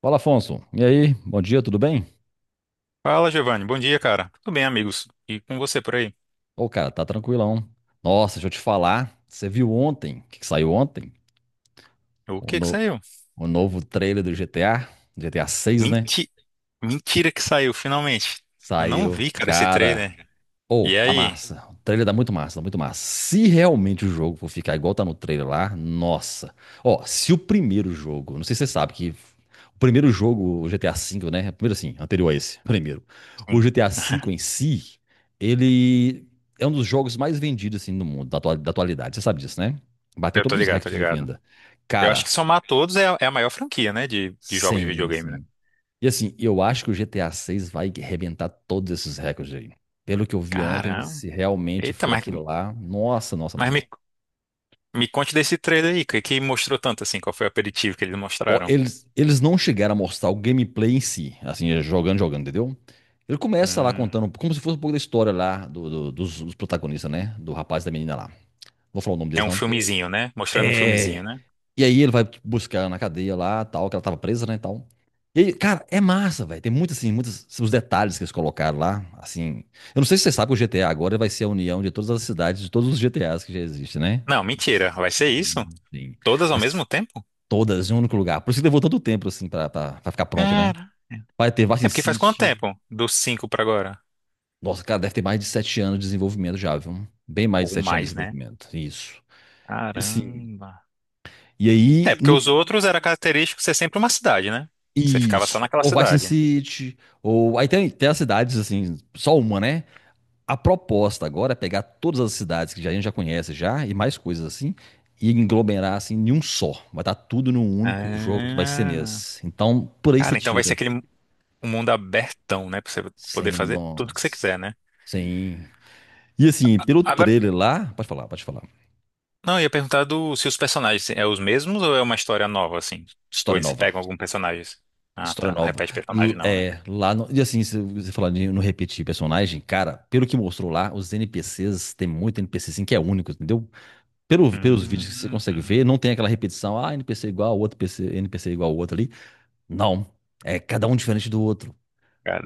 Fala, Afonso. E aí? Bom dia, tudo bem? Fala, Giovanni. Bom dia, cara. Tudo bem, amigos? E com você por aí? Ô, cara, tá tranquilão. Nossa, deixa eu te falar. Você viu ontem, o que que saiu ontem? O O, que que no- saiu? o novo trailer do GTA, GTA 6, né? Menti... Mentira que saiu, finalmente. Eu não Saiu. vi, cara, esse Cara, trailer. ou, E tá aí? massa. O trailer dá muito massa, dá muito massa. Se realmente o jogo for ficar igual tá no trailer lá, nossa. Ó, se o primeiro jogo, não sei se você sabe que o primeiro jogo, o GTA V, né? Primeiro assim, anterior a esse, primeiro. O Sim, GTA V em si, ele é um dos jogos mais vendidos assim no mundo da atualidade. Você sabe disso, né? Bateu eu tô todos os ligado, tô recordes de ligado. venda. Eu acho Cara, que somar todos é a maior franquia, né, de jogos de sim, videogame, né? sim. E assim, eu acho que o GTA 6 vai arrebentar todos esses recordes aí. Pelo que eu vi ontem, Caramba. se realmente Eita, for mas, aquilo lá, nossa, nossa, mas nossa, nossa. me, me conte desse trailer aí, que mostrou tanto assim, qual foi o aperitivo que eles Ó, mostraram? eles não chegaram a mostrar o gameplay em si, assim, é, jogando, jogando, entendeu? Ele começa lá Hum, contando como se fosse um pouco da história lá dos protagonistas, né? Do rapaz e da menina lá. Não vou falar o nome é deles um não, porque... filmezinho, né? Mostrando um filmezinho, É, né? e aí ele vai buscar ela na cadeia lá, tal, que ela tava presa, né, e tal. E aí, cara, é massa, velho. Tem muitos, assim, muitos os detalhes que eles colocaram lá, assim. Eu não sei se você sabe que o GTA agora vai ser a união de todas as cidades, de todos os GTAs que já existem, né? Não, mentira. Vai ser isso? Sim, sim. Todas ao Mas mesmo tempo? todas em um único lugar. Por isso que levou tanto tempo, assim, pra ficar pronto, né? Cara, é. Vai ter É Vice porque faz quanto City. tempo? Dos cinco pra agora? Nossa, cara, deve ter mais de 7 anos de desenvolvimento já, viu? Bem mais de Ou 7 anos de mais, né? desenvolvimento. Isso. E, assim, Caramba. e É, aí, porque no os outros era característico ser sempre uma cidade, né? Você ficava só Isso. naquela Ou Vice cidade. City, ou. Aí tem, tem as cidades, assim, só uma, né? A proposta agora é pegar todas as cidades que a gente já conhece já, e mais coisas assim, e englomerar assim em um só. Vai estar tudo num único jogo que vai ser Ah, nesse. Então, por aí você cara, então vai ser tira. aquele um mundo abertão, né? Pra você poder Sem fazer tudo que você quiser, nós. né? Sim. E assim, pelo Agora, trailer lá. Pode falar, pode falar. não, eu ia perguntar do, se os personagens é os mesmos ou é uma história nova, assim? Ou História eles nova. pegam algum personagem? Ah, História tá. Não nova. repete personagem, não, né? É, lá no, e assim, se você falando de não repetir personagem, cara, pelo que mostrou lá, os NPCs, tem muito NPC assim que é único, entendeu? Pelo, pelos vídeos que você Hum, consegue ver, não tem aquela repetição, ah, NPC igual, ao outro PC, NPC igual ao outro ali. Não. É cada um diferente do outro.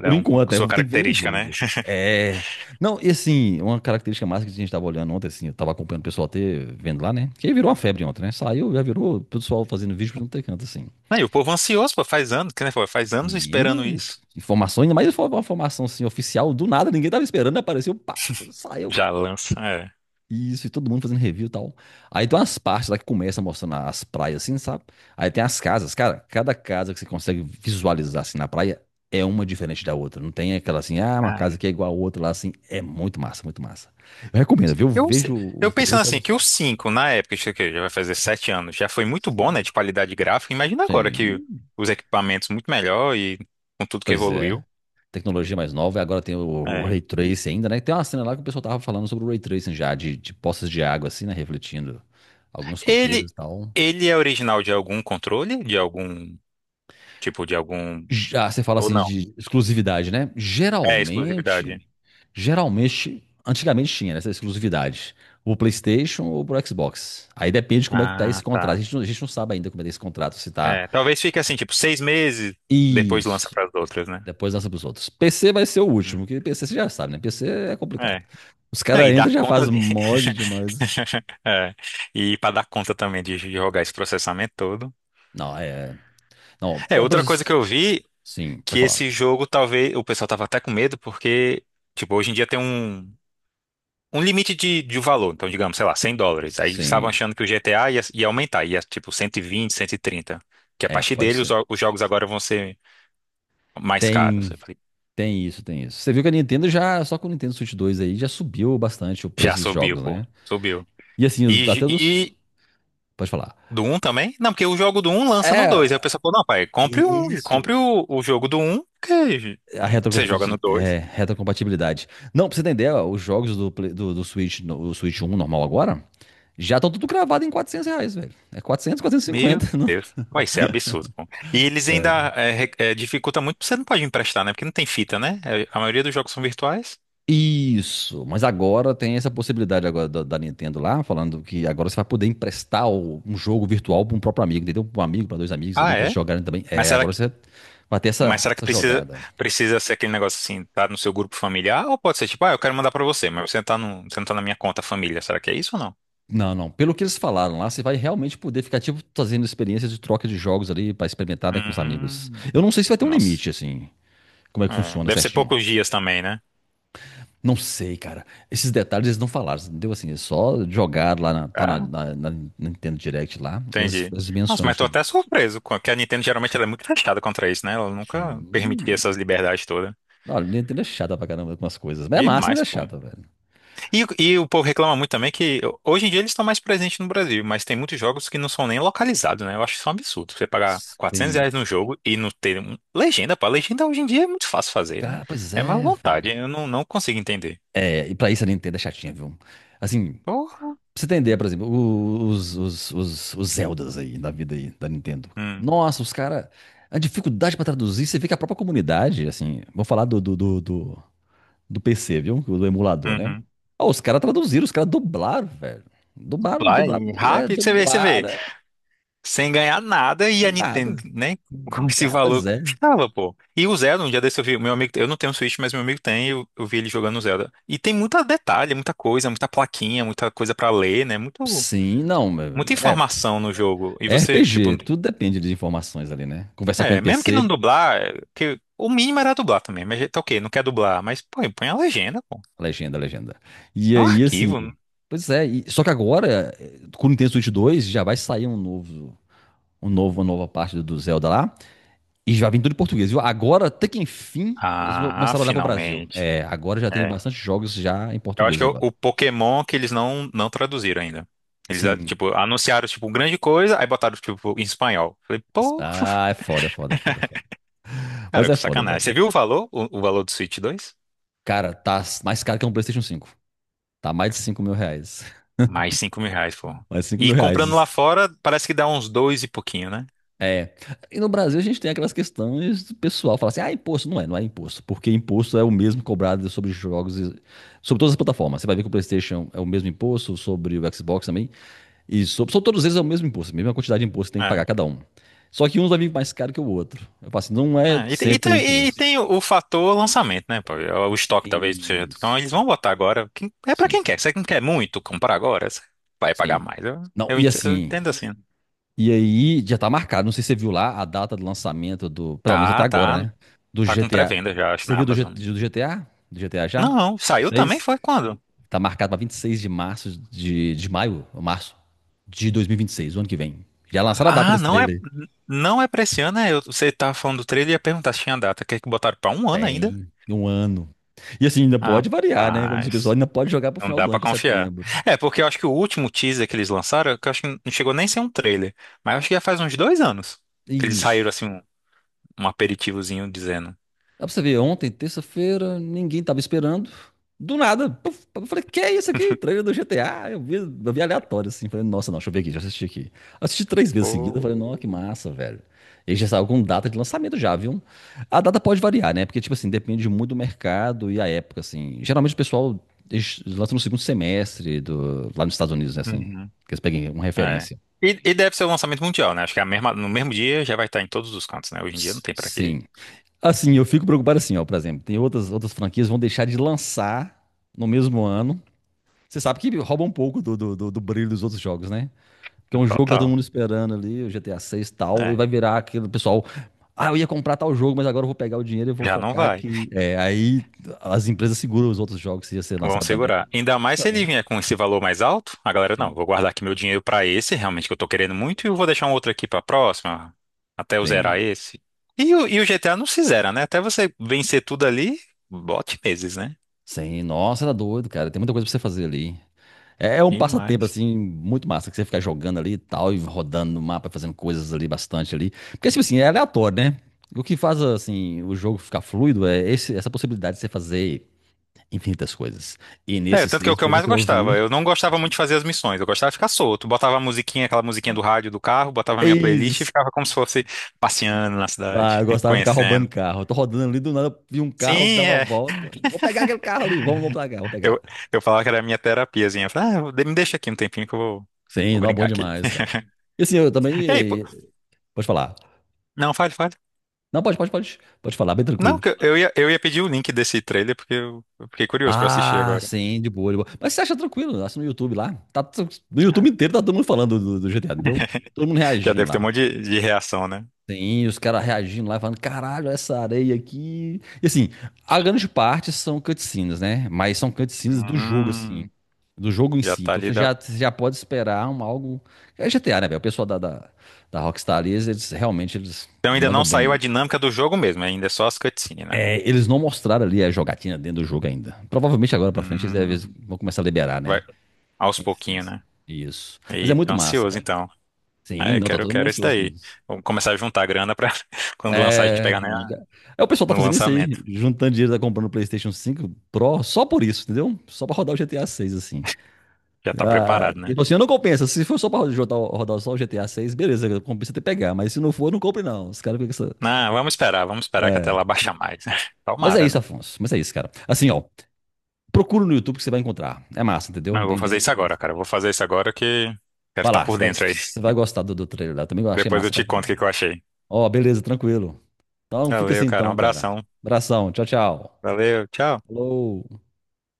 Por um com enquanto, é, sua vamos ter que ver nos característica, né? jogos. É. Não, e assim, uma característica massa que a gente tava olhando ontem, assim, eu tava acompanhando o pessoal até vendo lá, né? Que aí virou uma febre ontem, né? Saiu, já virou o pessoal fazendo vídeo por um canto, assim. Aí, o povo ansioso, pô, faz anos, que nem foi, faz anos esperando Sim, isso. informações, ainda mais foi uma formação assim, oficial, do nada, ninguém tava esperando, né? Apareceu, pá, saiu. Já lança, é. Isso, e todo mundo fazendo review e tal. Aí tem umas partes lá que começa mostrando as praias, assim, sabe? Aí tem as casas, cara, cada casa que você consegue visualizar assim na praia é uma diferente da outra. Não tem aquela assim, ah, uma casa Cara, que é igual a outra lá, assim. É muito massa, muito massa. Eu recomendo, viu? eu, se- Vejo o eu trailer, pensando você vai assim, que o gostar. 5 na época, isso aqui já vai fazer 7 anos, já foi muito bom, né, Sim. de qualidade gráfica. Imagina agora que Sim. os equipamentos muito melhor e com tudo que Pois é. evoluiu. Tecnologia mais nova, e agora tem o É. Ray Tracing ainda, né? Tem uma cena lá que o pessoal tava falando sobre o Ray Tracing já, de poças de água, assim, né? Refletindo alguns Ele, coqueiros e tal. ele é original de algum controle? De algum, tipo, de algum... Já, você fala Ou assim não? de exclusividade, né? É exclusividade. Geralmente, antigamente tinha essa exclusividade. O PlayStation ou pro Xbox. Aí depende de como é que tá Ah, esse contrato. A tá. gente, não- a gente não sabe ainda como é que tá esse contrato, se tá... É, talvez fique assim, tipo, seis meses, depois lança Isso. para as outras, né? Depois lança pros outros. PC vai ser o Hum, último, que PC você já sabe, né? PC é complicado. é. Os Não, caras e dar entram e já conta. fazem mod demais. É, e para dar conta também de jogar esse processamento todo. Não, é. Não, É, é por- outra coisa que eu vi sim, pode que falar. esse jogo talvez o pessoal tava até com medo porque tipo, hoje em dia tem um limite de valor, então digamos, sei lá, 100 dólares. Aí eles estavam Sim, achando que o GTA ia, ia aumentar, ia tipo cento cento e vinte cento e trinta que a é, partir pode dele ser. Os jogos agora vão ser mais caros. Tem, Eu falei, tem isso, tem isso. Você viu que a Nintendo já, só com o Nintendo Switch 2 aí, já subiu bastante o já preço dos subiu, jogos, pô, né? subiu. E assim, os- até E dos. Pode falar. do um também? Não, porque o jogo do um lança no dois. Aí o É. pessoal falou, não, pai, compre um, Isso. compre o jogo do um que A você joga no retrocompatibilidade. É, dois. retrocompatibilidade. Não, pra você entender, ó, os jogos do Switch, o Switch 1 normal agora, já estão tudo cravado em R$ 400, velho. É 400, Meu 450, né? Deus, vai ser absurdo, pô. E eles ainda Sério. Dificulta muito, porque você não pode emprestar, né? Porque não tem fita, né? É, a maioria dos jogos são virtuais. Isso, mas agora tem essa possibilidade agora da Nintendo lá, falando que agora você vai poder emprestar um jogo virtual para um próprio amigo, entendeu? Para um amigo, para dois amigos ali, Ah, para eles é? jogarem também. Mas É, será agora que, você vai ter mas essa, será que essa precisa, jogada. precisa ser aquele negócio assim, tá no seu grupo familiar? Ou pode ser tipo, ah, eu quero mandar pra você, mas você tá no, você não tá na minha conta família. Será que é isso ou não? Não, não. Pelo que eles falaram lá, você vai realmente poder ficar, tipo, fazendo experiências de troca de jogos ali pra experimentar, né, com os amigos. Hum, Eu não sei se vai ter um nossa. limite, assim, como é que É, funciona deve ser certinho. poucos dias também, né? Não sei, cara. Esses detalhes eles não falaram, entendeu? Assim, eles só jogaram lá, na, tá na, Cara, na- na Nintendo Direct lá, e eles, entendi. eles Nossa, mencionam mas tô até sobre. surpreso, com- que a Nintendo geralmente ela é muito fechada contra isso, né? Ela nunca permitia Sim. essas liberdades todas. Olha, Nintendo é chata pra caramba com as coisas. Mas é massa, mas Demais, é pô. chata, velho. E o povo reclama muito também que hoje em dia eles estão mais presentes no Brasil, mas tem muitos jogos que não são nem localizados, né? Eu acho isso um absurdo. Você pagar 400 Sim. reais num jogo e não ter um... legenda, pô. Legenda hoje em dia é muito fácil fazer. Ah, pois É mais é, vontade. velho. Eu não, não consigo entender. É, e pra isso a Nintendo é chatinha, viu? Assim, Porra. pra você entender, por exemplo, os Zeldas aí, da vida aí, da Nintendo. Hum. Nossa, os caras. A dificuldade pra traduzir, você vê que a própria comunidade, assim. Vou falar do PC, viu? Do emulador, né? Uhum. Ó, os caras traduziram, os caras dublaram, velho. Dublaram, Vai, dublaram. É, rápido, você vê, você vê. dublaram, é, Sem ganhar nada e a nada. Nintendo, né? Como esse Cara, pois valor é. custava, pô. E o Zelda, um dia desse eu vi, meu amigo, eu não tenho Switch, mas meu amigo tem, e eu vi ele jogando o Zelda. E tem muita detalhe, muita coisa, muita plaquinha, muita coisa pra ler, né? Muito, Sim, não. muita É, informação no jogo. E é você, tipo, RPG, tudo depende de informações ali, né? Conversar com o é, mesmo que não NPC. dublar, é, que o mínimo era dublar também, mas tá ok, não quer dublar, mas põe a legenda, pô. Legenda, legenda. E É um aí, assim. arquivo, né? Pois é, e- só que agora, com o Nintendo Switch 2, já vai sair um novo, uma nova parte do Zelda lá. E já vem tudo em português, viu? Agora, até que enfim, eles Ah, começaram a olhar pro Brasil. finalmente. É, agora já tem É. bastante jogos já em Eu acho português que é o, agora. o Pokémon que eles não traduziram ainda. Eles, ah, Sim. tipo, anunciaram, tipo, grande coisa, aí botaram, tipo, em espanhol. Falei, pô, Ah, é foda, é foda, é foda, é foda. Mas cara, é que foda, sacanagem. Você velho. viu o valor? O valor do Switch dois. Cara, tá mais caro que um PlayStation 5. Tá mais de R$ 5 mil. Mais 5 mil reais, pô. Mais de 5 E mil comprando lá reais. fora, parece que dá uns dois e pouquinho, né? É. E no Brasil a gente tem aquelas questões do pessoal fala assim: ah, imposto. Não é, não é imposto. Porque imposto é o mesmo cobrado sobre jogos, sobre todas as plataformas. Você vai ver que o PlayStation é o mesmo imposto, sobre o Xbox também. E sobre, sobre todos eles é o mesmo imposto, a mesma quantidade de imposto que tem que É. pagar cada um. Só que um vai vir mais caro que o outro. Eu falo assim: não é É, E, tem e sempre tem- e imposto. tem o fator lançamento, né, pô? É o É. estoque talvez seja. Isso. Então eles vão botar agora. Quem- é pra Sim, quem sim. quer. Você não quer muito comprar agora, você vai pagar Sim. mais. Não, e Eu assim, entendo assim. e aí, já tá marcado. Não sei se você viu lá a data do lançamento do. Pelo menos até Tá, agora, tá. né? Do Tá com GTA. pré-venda já, acho, Você na viu do, G- Amazon. do GTA? Do GTA já? Não, saiu também Seis? foi quando? Tá marcado pra 26 de março de maio, ou março de 2026, o ano que vem. Já lançaram a data Ah, desse trailer. não é pra esse ano, é, eu- você tava falando do trailer e ia perguntar se tinha data. Quer que botaram pra um ano ainda? Tem um ano. E assim, ainda pode variar, né? Como diz o pessoal, Rapaz, ainda pode jogar pro não final dá do ano, pra pra confiar. setembro. É, porque eu acho que o último teaser que eles lançaram, que eu acho que não chegou nem a ser um trailer, mas eu acho que já faz uns dois anos que eles saíram Isso. assim um, um aperitivozinho dizendo. Dá pra você ver, ontem, terça-feira, ninguém tava esperando. Do nada, puf, eu falei, que é isso aqui? Trailer do GTA. Eu vi aleatório, assim. Falei, nossa, não, deixa eu ver aqui, já assisti aqui. Assisti três vezes seguida, falei, Oh. nossa, que massa, velho. E já saiu com data de lançamento já, viu? A data pode variar, né? Porque, tipo assim, depende muito do mercado e a época, assim. Geralmente o pessoal eles lançam no segundo semestre do, lá nos Estados Unidos, né, assim. Uhum, Que eles peguem uma é. referência. E deve ser o lançamento mundial, né? Acho que é a mesma, no mesmo dia já vai estar em todos os cantos, né? Hoje em dia não tem pra quê. Sim. Assim, eu fico preocupado assim, ó, por exemplo, tem outras franquias que vão deixar de lançar no mesmo ano. Você sabe que rouba um pouco do brilho dos outros jogos, né? Porque é um jogo que tá todo Total. mundo esperando ali, o GTA 6 e tal, e É, vai virar aquele pessoal. Ah, eu ia comprar tal jogo, mas agora eu vou pegar o dinheiro e vou já não focar vai. que. É, aí as empresas seguram os outros jogos que ia ser Vamos lançado também. segurar. Ainda mais se ele Justamente. vier com esse valor mais alto, a galera, não, Sim. vou guardar aqui meu dinheiro pra esse, realmente que eu tô querendo muito, e eu vou deixar um outro aqui pra próxima, até eu zerar Sim. esse. E o GTA não se zera, né? Até você vencer tudo ali, bote meses, né? Sim. Nossa, era doido, cara. Tem muita coisa pra você fazer ali. É, é um passatempo, Demais. assim, muito massa, que você fica jogando ali e tal, e rodando no mapa, fazendo coisas ali bastante ali. Porque, tipo assim, é aleatório, né? O que faz, assim, o jogo ficar fluido é essa possibilidade de você fazer infinitas coisas. E É, nesse tanto que é o seis, que eu pelo mais que eu gostava. vi, Eu não gostava muito de fazer as missões, eu gostava de ficar solto. Botava a musiquinha, aquela musiquinha do rádio do carro, botava a é minha playlist e isso. ficava como se fosse passeando na Ah, cidade, eu gostava de ficar roubando conhecendo. carro. Eu tô rodando ali, do nada, vi um carro, Sim, dava a é, volta. Vou pegar aquele carro ali, vamos, vou pegar, vou pegar. Eu, eu falava que era a minha terapiazinha. Eu falava, ah, me deixa aqui um tempinho que Sim, vou não, bom brincar aqui. demais, cara. E assim, eu Ei, pô, também... Pode falar. não, fale, fale. Não, pode, pode, pode. Pode falar, bem Não, tranquilo. que eu ia pedir o link desse trailer porque eu fiquei curioso pra assistir Ah, agora. sim, de boa, de boa. Mas você acha tranquilo, acha no YouTube lá. Tá, no Ah. YouTube inteiro tá todo mundo falando do GTA, entendeu? Todo mundo Já reagindo deve ter lá. um monte de reação, né? Sim, os caras reagindo lá, falando, caralho, essa areia aqui. E assim, a grande parte são cutscenes, né? Mas são cutscenes do jogo, assim. Hum, Do jogo em já si. tá Então ali. Da... você já pode esperar um algo. É GTA, né, velho? O pessoal da Rockstar ali, eles realmente eles Então ainda não mandam bem saiu a nisso. dinâmica do jogo mesmo, ainda é só as cutscenes, né? É, eles não mostraram ali a jogatina dentro do jogo ainda. Provavelmente agora pra frente eles Hum, vão começar a liberar, vai né? aos Tem que ser pouquinhos, assim. né? Isso. Mas é E tô muito massa, ansioso cara. então. Ah, Sim, não, tá eu todo mundo quero esse ansioso com daí. isso. Vamos começar a juntar a grana pra quando lançar a gente É. pegar né, Já- É, o pessoal tá no fazendo isso aí, lançamento. juntando dinheiro, tá comprando o PlayStation 5 Pro só por isso, entendeu? Só pra rodar o GTA 6 assim. Já tá Ah, preparado, e né? tipo assim, não compensa. Se for só pra rodar, rodar só o GTA 6, beleza, compensa até pegar. Mas se não for, não compre, não. Os caras ficam com essa. Não, vamos esperar que a É. tela baixa mais. Mas é Tomara, isso, né? Afonso. Mas é isso, cara. Assim, ó, procura no YouTube que você vai encontrar. É massa, entendeu? Não, eu vou Bem, fazer bem. isso agora, cara. Eu vou fazer isso agora que quero Vai estar lá, por dentro aí. você vai gostar do trailer lá. Também eu achei Depois eu massa pra te conto o que caramba. que eu achei. Ó, beleza, tranquilo. Então, fica assim Valeu, cara. Um então, cara. abração. Abração. Tchau, tchau. Valeu, tchau. Falou.